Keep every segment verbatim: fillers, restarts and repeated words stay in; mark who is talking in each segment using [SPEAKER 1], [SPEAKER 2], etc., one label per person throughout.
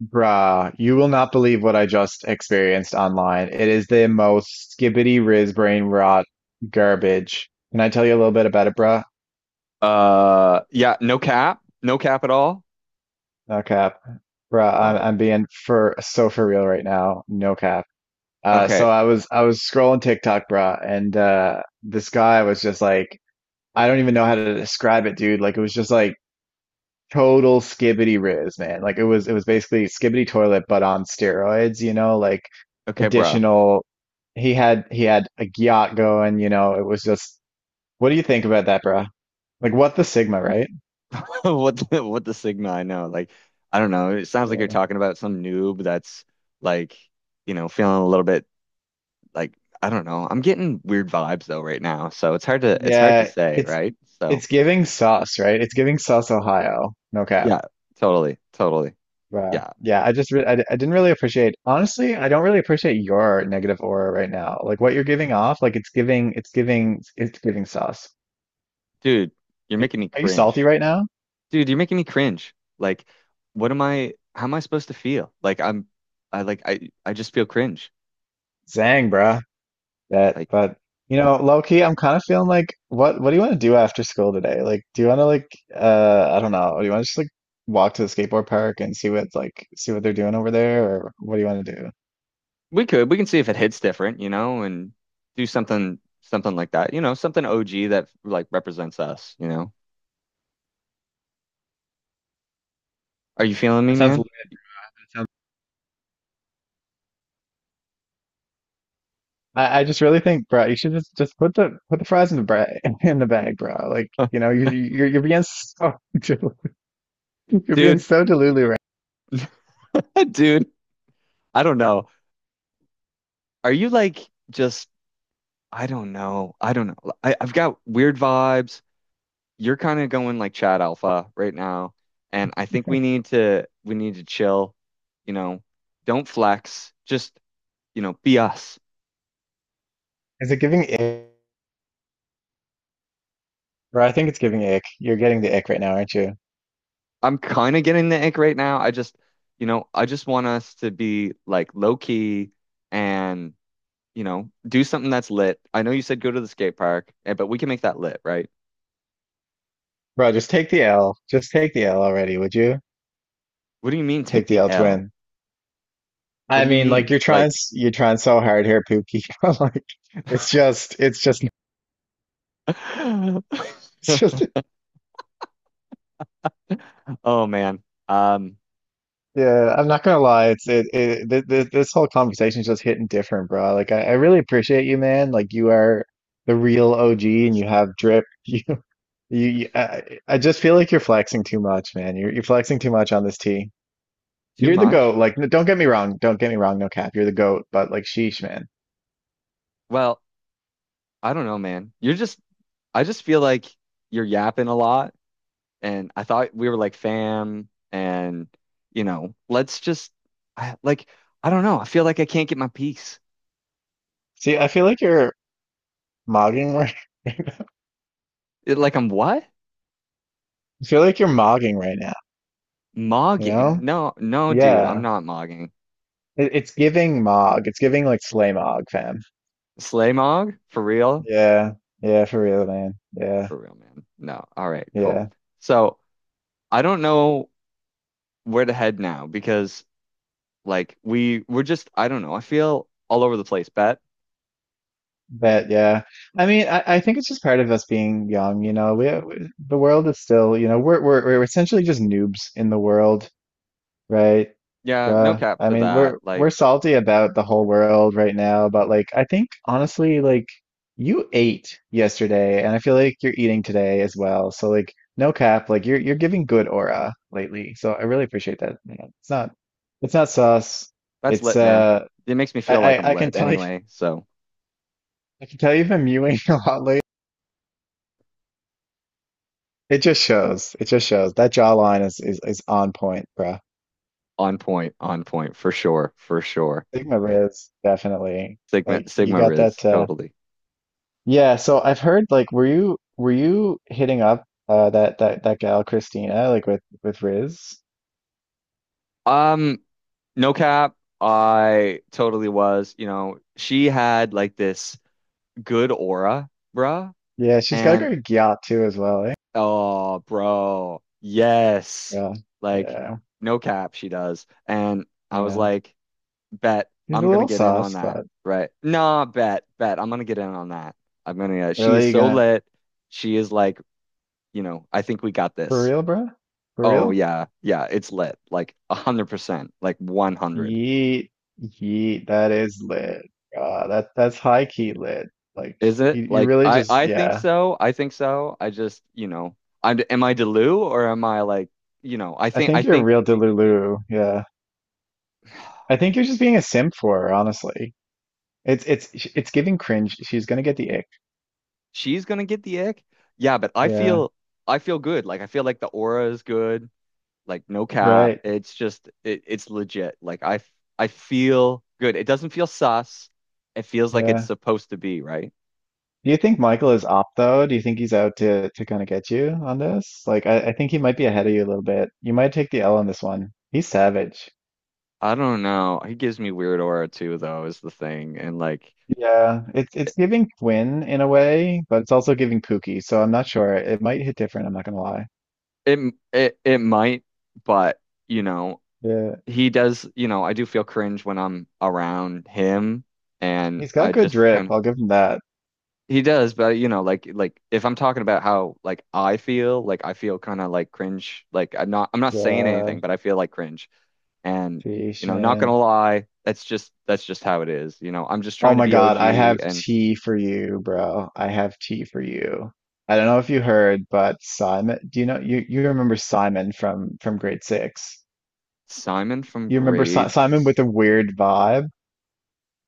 [SPEAKER 1] Bruh, you will not believe what I just experienced online. It is the most skibbity riz brain rot garbage. Can I tell you a little bit about it, bruh?
[SPEAKER 2] Uh, yeah, no cap, no cap at all.
[SPEAKER 1] No cap. Bruh, I'm
[SPEAKER 2] Uh,
[SPEAKER 1] I'm being for so for real right now. No cap. Uh
[SPEAKER 2] okay,
[SPEAKER 1] so I was I was scrolling TikTok, bruh, and uh this guy was just like I don't even know how to describe it, dude. Like it was just like total skibbity riz, man. Like it was it was basically skibbity toilet but on steroids, you know, like
[SPEAKER 2] okay, bro.
[SPEAKER 1] additional he had he had a yacht going, you know, it was just what do you think about that, bruh? Like what the Sigma, right?
[SPEAKER 2] What the, what the Sigma? I know, like, I don't know. It sounds like you're
[SPEAKER 1] Yeah.
[SPEAKER 2] talking about some noob that's like, you know, feeling a little bit like I don't know. I'm getting weird vibes though right now, so it's hard to it's hard to
[SPEAKER 1] Yeah,
[SPEAKER 2] say,
[SPEAKER 1] it's
[SPEAKER 2] right? So
[SPEAKER 1] it's giving sus, right? It's giving sus Ohio. No cap.
[SPEAKER 2] yeah, totally, totally.
[SPEAKER 1] Bruh.
[SPEAKER 2] Yeah,
[SPEAKER 1] Yeah, I just re I, d- I didn't really appreciate honestly, I don't really appreciate your negative aura right now. Like what you're giving off, like it's giving it's giving it's giving sus.
[SPEAKER 2] dude, you're making me
[SPEAKER 1] Are you salty
[SPEAKER 2] cringe.
[SPEAKER 1] right now?
[SPEAKER 2] Dude, you're making me cringe. Like, what am I? How am I supposed to feel? Like, I'm, I like, I I just feel cringe.
[SPEAKER 1] Zang, bruh. That,
[SPEAKER 2] Like.
[SPEAKER 1] but you know, low key, I'm kind of feeling like, what, what do you want to do after school today? Like, do you want to like, uh, I don't know, do you want to just like walk to the skateboard park and see what's like, see what they're doing over there, or what do you want to do?
[SPEAKER 2] We could. We can see if it hits different, you know, and do something something like that. You know, something O G that like represents us, you know. Are you feeling me,
[SPEAKER 1] That sounds That
[SPEAKER 2] man?
[SPEAKER 1] sounds I, I just really think, bro, you should just just put the put the fries in the bag in the bag, bro. Like, you know, you you- you're you're being so delu- you're being
[SPEAKER 2] Dude,
[SPEAKER 1] so delulu right.
[SPEAKER 2] dude, I don't know. Are you like just I don't know. I don't know. I, I've got weird vibes. You're kind of going like Chad Alpha right now, and I think we need to we need to chill, you know. Don't flex. Just, you know, be us.
[SPEAKER 1] Is it giving ick? Bro, I think it's giving ick. You're getting the ick right now, aren't you?
[SPEAKER 2] I'm kind of getting the ick right now. I just, you know, I just want us to be like low key and, you know, do something that's lit. I know you said go to the skate park, eh, but we can make that lit, right?
[SPEAKER 1] Bro, just take the L. Just take the L already, would you?
[SPEAKER 2] What do you mean take
[SPEAKER 1] Take the
[SPEAKER 2] the
[SPEAKER 1] L
[SPEAKER 2] L?
[SPEAKER 1] twin.
[SPEAKER 2] What
[SPEAKER 1] I
[SPEAKER 2] do you
[SPEAKER 1] mean, like
[SPEAKER 2] mean?
[SPEAKER 1] you're trying,
[SPEAKER 2] Like,
[SPEAKER 1] you're trying so hard here, Pookie. But, like it's just, it's just, it's just.
[SPEAKER 2] oh man, um,
[SPEAKER 1] Yeah, I'm not gonna lie. It's it, it th th this whole conversation is just hitting different, bro. Like I, I really appreciate you, man. Like you are the real O G, and you have drip. You, you, you- I, I just feel like you're flexing too much, man. You're you're flexing too much on this tea.
[SPEAKER 2] too
[SPEAKER 1] You're the goat.
[SPEAKER 2] much.
[SPEAKER 1] Like, n- don't get me wrong. Don't get me wrong. No cap. You're the goat. But like, sheesh, man.
[SPEAKER 2] Well, I don't know, man. You're just, I just feel like you're yapping a lot and I thought we were like fam and you know, let's just I, like I don't know. I feel like I can't get my peace.
[SPEAKER 1] See, I feel like you're mogging right.
[SPEAKER 2] It, like I'm what?
[SPEAKER 1] I feel like you're mogging right now. You
[SPEAKER 2] Mogging?
[SPEAKER 1] know?
[SPEAKER 2] No, no, dude, I'm
[SPEAKER 1] Yeah.
[SPEAKER 2] not mogging.
[SPEAKER 1] It, it's giving Mog. It's giving like Slay Mog, fam.
[SPEAKER 2] Slay mog? For real?
[SPEAKER 1] Yeah. Yeah, for real, man. Yeah.
[SPEAKER 2] For real, man. No. All right, cool.
[SPEAKER 1] Yeah.
[SPEAKER 2] So I don't know where to head now because like we we're just I don't know. I feel all over the place. Bet.
[SPEAKER 1] But yeah. I mean, I, I think it's just part of us being young, you know. We, we the world is still, you know, we're we're we're essentially just noobs in the world. Right.
[SPEAKER 2] Yeah, no
[SPEAKER 1] Bruh.
[SPEAKER 2] cap
[SPEAKER 1] I
[SPEAKER 2] to
[SPEAKER 1] mean,
[SPEAKER 2] that.
[SPEAKER 1] we're
[SPEAKER 2] Like
[SPEAKER 1] we're salty about the whole world right now, but like I think honestly, like you ate yesterday and I feel like you're eating today as well. So like no cap, like you're you're giving good aura lately. So I really appreciate that, you know. It's not it's not sus.
[SPEAKER 2] that's
[SPEAKER 1] It's
[SPEAKER 2] lit, man.
[SPEAKER 1] uh
[SPEAKER 2] It makes me
[SPEAKER 1] I,
[SPEAKER 2] feel like I'm
[SPEAKER 1] I, I can
[SPEAKER 2] lit
[SPEAKER 1] tell you
[SPEAKER 2] anyway. So
[SPEAKER 1] I can tell you've been mewing a lot lately. It just shows. It just shows. That jawline is is, is on point, bruh.
[SPEAKER 2] on point, on point, for sure, for sure.
[SPEAKER 1] Sigma Riz, definitely.
[SPEAKER 2] Sigma
[SPEAKER 1] Like you
[SPEAKER 2] Sigma
[SPEAKER 1] got
[SPEAKER 2] Riz,
[SPEAKER 1] that uh
[SPEAKER 2] totally.
[SPEAKER 1] yeah, so I've heard, like were you were you hitting up uh that that that gal Christina, like with with Riz?
[SPEAKER 2] Um, no cap, I totally was. You know, she had like this good aura, bruh.
[SPEAKER 1] Yeah, she's got a
[SPEAKER 2] And
[SPEAKER 1] great yacht too as well, eh?
[SPEAKER 2] oh, bro, yes.
[SPEAKER 1] Yeah.
[SPEAKER 2] Like,
[SPEAKER 1] Yeah.
[SPEAKER 2] no cap, she does. And I was
[SPEAKER 1] Yeah.
[SPEAKER 2] like, bet
[SPEAKER 1] He's a
[SPEAKER 2] I'm gonna
[SPEAKER 1] little
[SPEAKER 2] get in on
[SPEAKER 1] sauce,
[SPEAKER 2] that,
[SPEAKER 1] but
[SPEAKER 2] right? Nah, bet, bet I'm gonna get in on that. I'm gonna, uh, she is
[SPEAKER 1] really you
[SPEAKER 2] so
[SPEAKER 1] gonna
[SPEAKER 2] lit. She is like, you know, I think we got
[SPEAKER 1] for
[SPEAKER 2] this.
[SPEAKER 1] real, bro? For
[SPEAKER 2] Oh
[SPEAKER 1] real?
[SPEAKER 2] yeah, yeah, it's lit. Like a hundred percent. Like one hundred.
[SPEAKER 1] Yeet. Yeet. That is lit. Uh that that's high key lit. Like
[SPEAKER 2] Is
[SPEAKER 1] you
[SPEAKER 2] it?
[SPEAKER 1] you
[SPEAKER 2] Like
[SPEAKER 1] really
[SPEAKER 2] I
[SPEAKER 1] just
[SPEAKER 2] I think
[SPEAKER 1] yeah.
[SPEAKER 2] so. I think so. I just, you know, I'm am I Delu or am I like, you know, I
[SPEAKER 1] I
[SPEAKER 2] think I
[SPEAKER 1] think you're a
[SPEAKER 2] think
[SPEAKER 1] real Delulu. Yeah. I think you're just being a simp for her, honestly. It's it's it's giving cringe. She's gonna get the ick.
[SPEAKER 2] she's gonna get the ick. Yeah, but I
[SPEAKER 1] Yeah.
[SPEAKER 2] feel I feel good. Like I feel like the aura is good. Like no cap.
[SPEAKER 1] Right.
[SPEAKER 2] It's just it, it's legit. Like I f- I feel good. It doesn't feel sus. It feels like it's
[SPEAKER 1] Yeah.
[SPEAKER 2] supposed to be, right?
[SPEAKER 1] Do you think Michael is up though? Do you think he's out to to kind of get you on this? Like I, I think he might be ahead of you a little bit. You might take the L on this one. He's savage.
[SPEAKER 2] I don't know. He gives me weird aura too, though, is the thing. And like
[SPEAKER 1] Yeah, it's it's giving Quinn in a way, but it's also giving Pookie, so I'm not sure. It might hit different, I'm not gonna lie.
[SPEAKER 2] It it it might, but you know,
[SPEAKER 1] Yeah.
[SPEAKER 2] he does, you know, I do feel cringe when I'm around him and
[SPEAKER 1] He's
[SPEAKER 2] I
[SPEAKER 1] got good
[SPEAKER 2] just
[SPEAKER 1] drip,
[SPEAKER 2] kind of
[SPEAKER 1] I'll give him that.
[SPEAKER 2] he does, but you know, like like if I'm talking about how like I feel, like I feel kind of like cringe, like I'm not I'm not saying
[SPEAKER 1] Yeah,
[SPEAKER 2] anything, but I feel like cringe. And you
[SPEAKER 1] Fish
[SPEAKER 2] know, not gonna
[SPEAKER 1] man.
[SPEAKER 2] lie, that's just that's just how it is. You know, I'm just
[SPEAKER 1] Oh
[SPEAKER 2] trying to
[SPEAKER 1] my
[SPEAKER 2] be
[SPEAKER 1] God, I
[SPEAKER 2] O G
[SPEAKER 1] have
[SPEAKER 2] and
[SPEAKER 1] tea for you, bro. I have tea for you. I don't know if you heard, but Simon, do you know you you remember Simon from from grade six?
[SPEAKER 2] Simon from
[SPEAKER 1] You remember si Simon with
[SPEAKER 2] grades.
[SPEAKER 1] the weird vibe?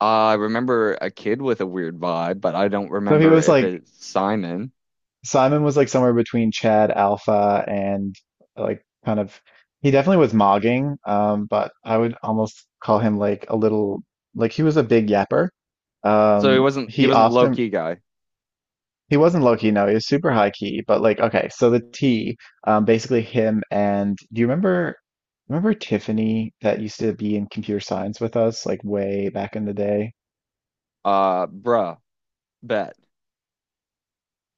[SPEAKER 2] I remember a kid with a weird vibe, but I don't
[SPEAKER 1] So he
[SPEAKER 2] remember
[SPEAKER 1] was
[SPEAKER 2] if
[SPEAKER 1] like
[SPEAKER 2] it's Simon.
[SPEAKER 1] Simon was like somewhere between Chad Alpha and like kind of he definitely was mogging, um, but I would almost call him like a little like he was a big yapper.
[SPEAKER 2] So he
[SPEAKER 1] Um,
[SPEAKER 2] wasn't he
[SPEAKER 1] he
[SPEAKER 2] wasn't low
[SPEAKER 1] often
[SPEAKER 2] key guy.
[SPEAKER 1] he wasn't low key, no, he was super high key, but like okay, so the T, um, basically him and do you remember remember Tiffany that used to be in computer science with us like way back in the day?
[SPEAKER 2] Uh, bruh, bet,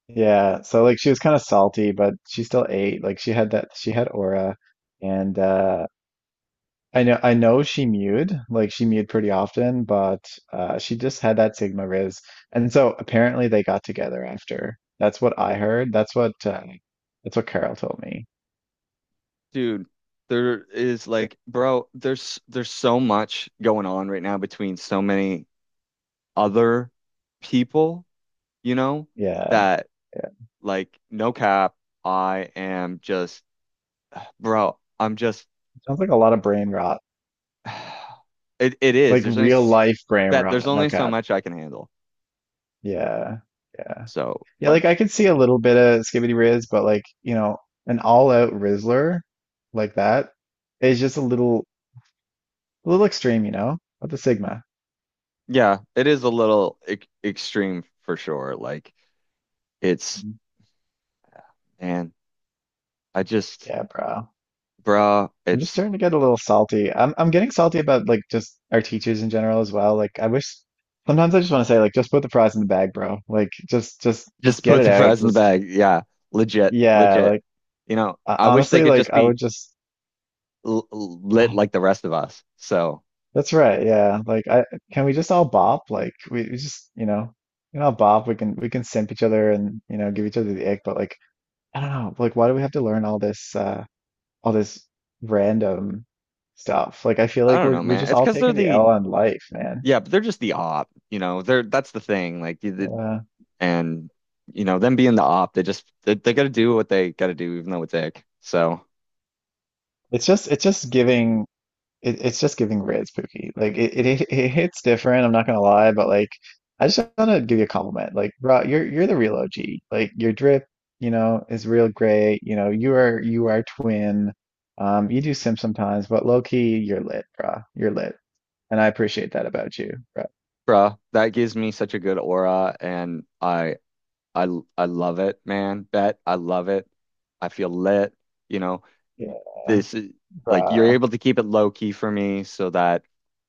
[SPEAKER 1] Yeah, so like she was kind of salty, but she still ate. Like she had that she had aura and uh I know I know she mewed, like she mewed pretty often, but uh she just had that Sigma Riz. And so apparently they got together after. That's what I heard. That's what uh, that's what Carol told me.
[SPEAKER 2] dude. There is like, bro, there's there's so much going on right now between so many other people, you know,
[SPEAKER 1] Yeah.
[SPEAKER 2] that like no cap, I am just, bro, I'm just
[SPEAKER 1] Sounds like a lot of brain rot,
[SPEAKER 2] it it is.
[SPEAKER 1] like
[SPEAKER 2] There's only
[SPEAKER 1] real
[SPEAKER 2] s-
[SPEAKER 1] life brain
[SPEAKER 2] that there's
[SPEAKER 1] rot. No
[SPEAKER 2] only so
[SPEAKER 1] cap.
[SPEAKER 2] much I can handle.
[SPEAKER 1] Yeah, yeah,
[SPEAKER 2] So
[SPEAKER 1] yeah. Like
[SPEAKER 2] like,
[SPEAKER 1] I could see a little bit of skibbity riz, but like you know, an all-out rizzler like that is just a little, a little extreme, you know. With the sigma.
[SPEAKER 2] yeah, it is a little e extreme for sure. Like it's
[SPEAKER 1] Mhm.
[SPEAKER 2] man, I just.
[SPEAKER 1] Yeah, bro.
[SPEAKER 2] Bro,
[SPEAKER 1] I'm just
[SPEAKER 2] it's
[SPEAKER 1] starting to get a little salty. I'm, I'm getting salty about like just our teachers in general as well. Like I wish sometimes I just want to say like just put the fries in the bag, bro. Like just, just, just
[SPEAKER 2] just
[SPEAKER 1] get
[SPEAKER 2] put
[SPEAKER 1] it
[SPEAKER 2] the
[SPEAKER 1] out.
[SPEAKER 2] fries in the
[SPEAKER 1] Just
[SPEAKER 2] bag. Yeah, legit,
[SPEAKER 1] yeah.
[SPEAKER 2] legit.
[SPEAKER 1] Like
[SPEAKER 2] You know,
[SPEAKER 1] I,
[SPEAKER 2] I wish they
[SPEAKER 1] honestly,
[SPEAKER 2] could
[SPEAKER 1] like
[SPEAKER 2] just
[SPEAKER 1] I
[SPEAKER 2] be
[SPEAKER 1] would just.
[SPEAKER 2] l l- lit like the rest of us. So
[SPEAKER 1] That's right. Yeah. Like I can we just all bop? Like we, we just, you know, we can all bop. We can we can simp each other and, you know, give each other the ick, but like I don't know. Like why do we have to learn all this uh all this random stuff? Like I feel
[SPEAKER 2] I
[SPEAKER 1] like
[SPEAKER 2] don't
[SPEAKER 1] we're
[SPEAKER 2] know,
[SPEAKER 1] we're
[SPEAKER 2] man.
[SPEAKER 1] just
[SPEAKER 2] It's
[SPEAKER 1] all
[SPEAKER 2] because they're
[SPEAKER 1] taking the
[SPEAKER 2] the
[SPEAKER 1] L on life, man.
[SPEAKER 2] yeah, but they're just the op. You know, they're that's the thing. Like you did,
[SPEAKER 1] Uh
[SPEAKER 2] and you know them being the op, they just they, they got to do what they got to do, even though it's ick. So,
[SPEAKER 1] it's just it's just giving It, it's just giving red spooky. Like it, it it hits different. I'm not gonna lie, but like I just want to give you a compliment. Like, bro, you're you're the real O G. Like your drip, you know, is real great. You know, you are you are twin. Um, you do sim sometimes, but low key, you're lit, bro. You're lit, and I appreciate that about you, bro.
[SPEAKER 2] bro, that gives me such a good aura, and I I I love it, man. Bet I love it. I feel lit. You know.
[SPEAKER 1] Yeah,
[SPEAKER 2] This is like you're
[SPEAKER 1] bruh.
[SPEAKER 2] able to keep it low key for me so that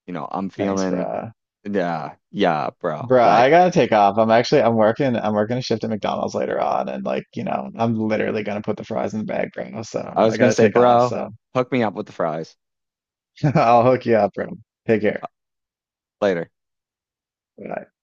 [SPEAKER 2] you know I'm
[SPEAKER 1] Thanks,
[SPEAKER 2] feeling
[SPEAKER 1] bruh.
[SPEAKER 2] yeah yeah bro
[SPEAKER 1] Bruh, I
[SPEAKER 2] like
[SPEAKER 1] gotta take off. I'm actually I'm working I'm working a shift at McDonald's later on and like, you know, I'm literally gonna put the fries in the bag, bro. So
[SPEAKER 2] I was
[SPEAKER 1] I
[SPEAKER 2] gonna
[SPEAKER 1] gotta
[SPEAKER 2] say
[SPEAKER 1] take off.
[SPEAKER 2] bro
[SPEAKER 1] So
[SPEAKER 2] hook me up with the fries
[SPEAKER 1] I'll hook you up, bro. Take care.
[SPEAKER 2] later
[SPEAKER 1] Bye.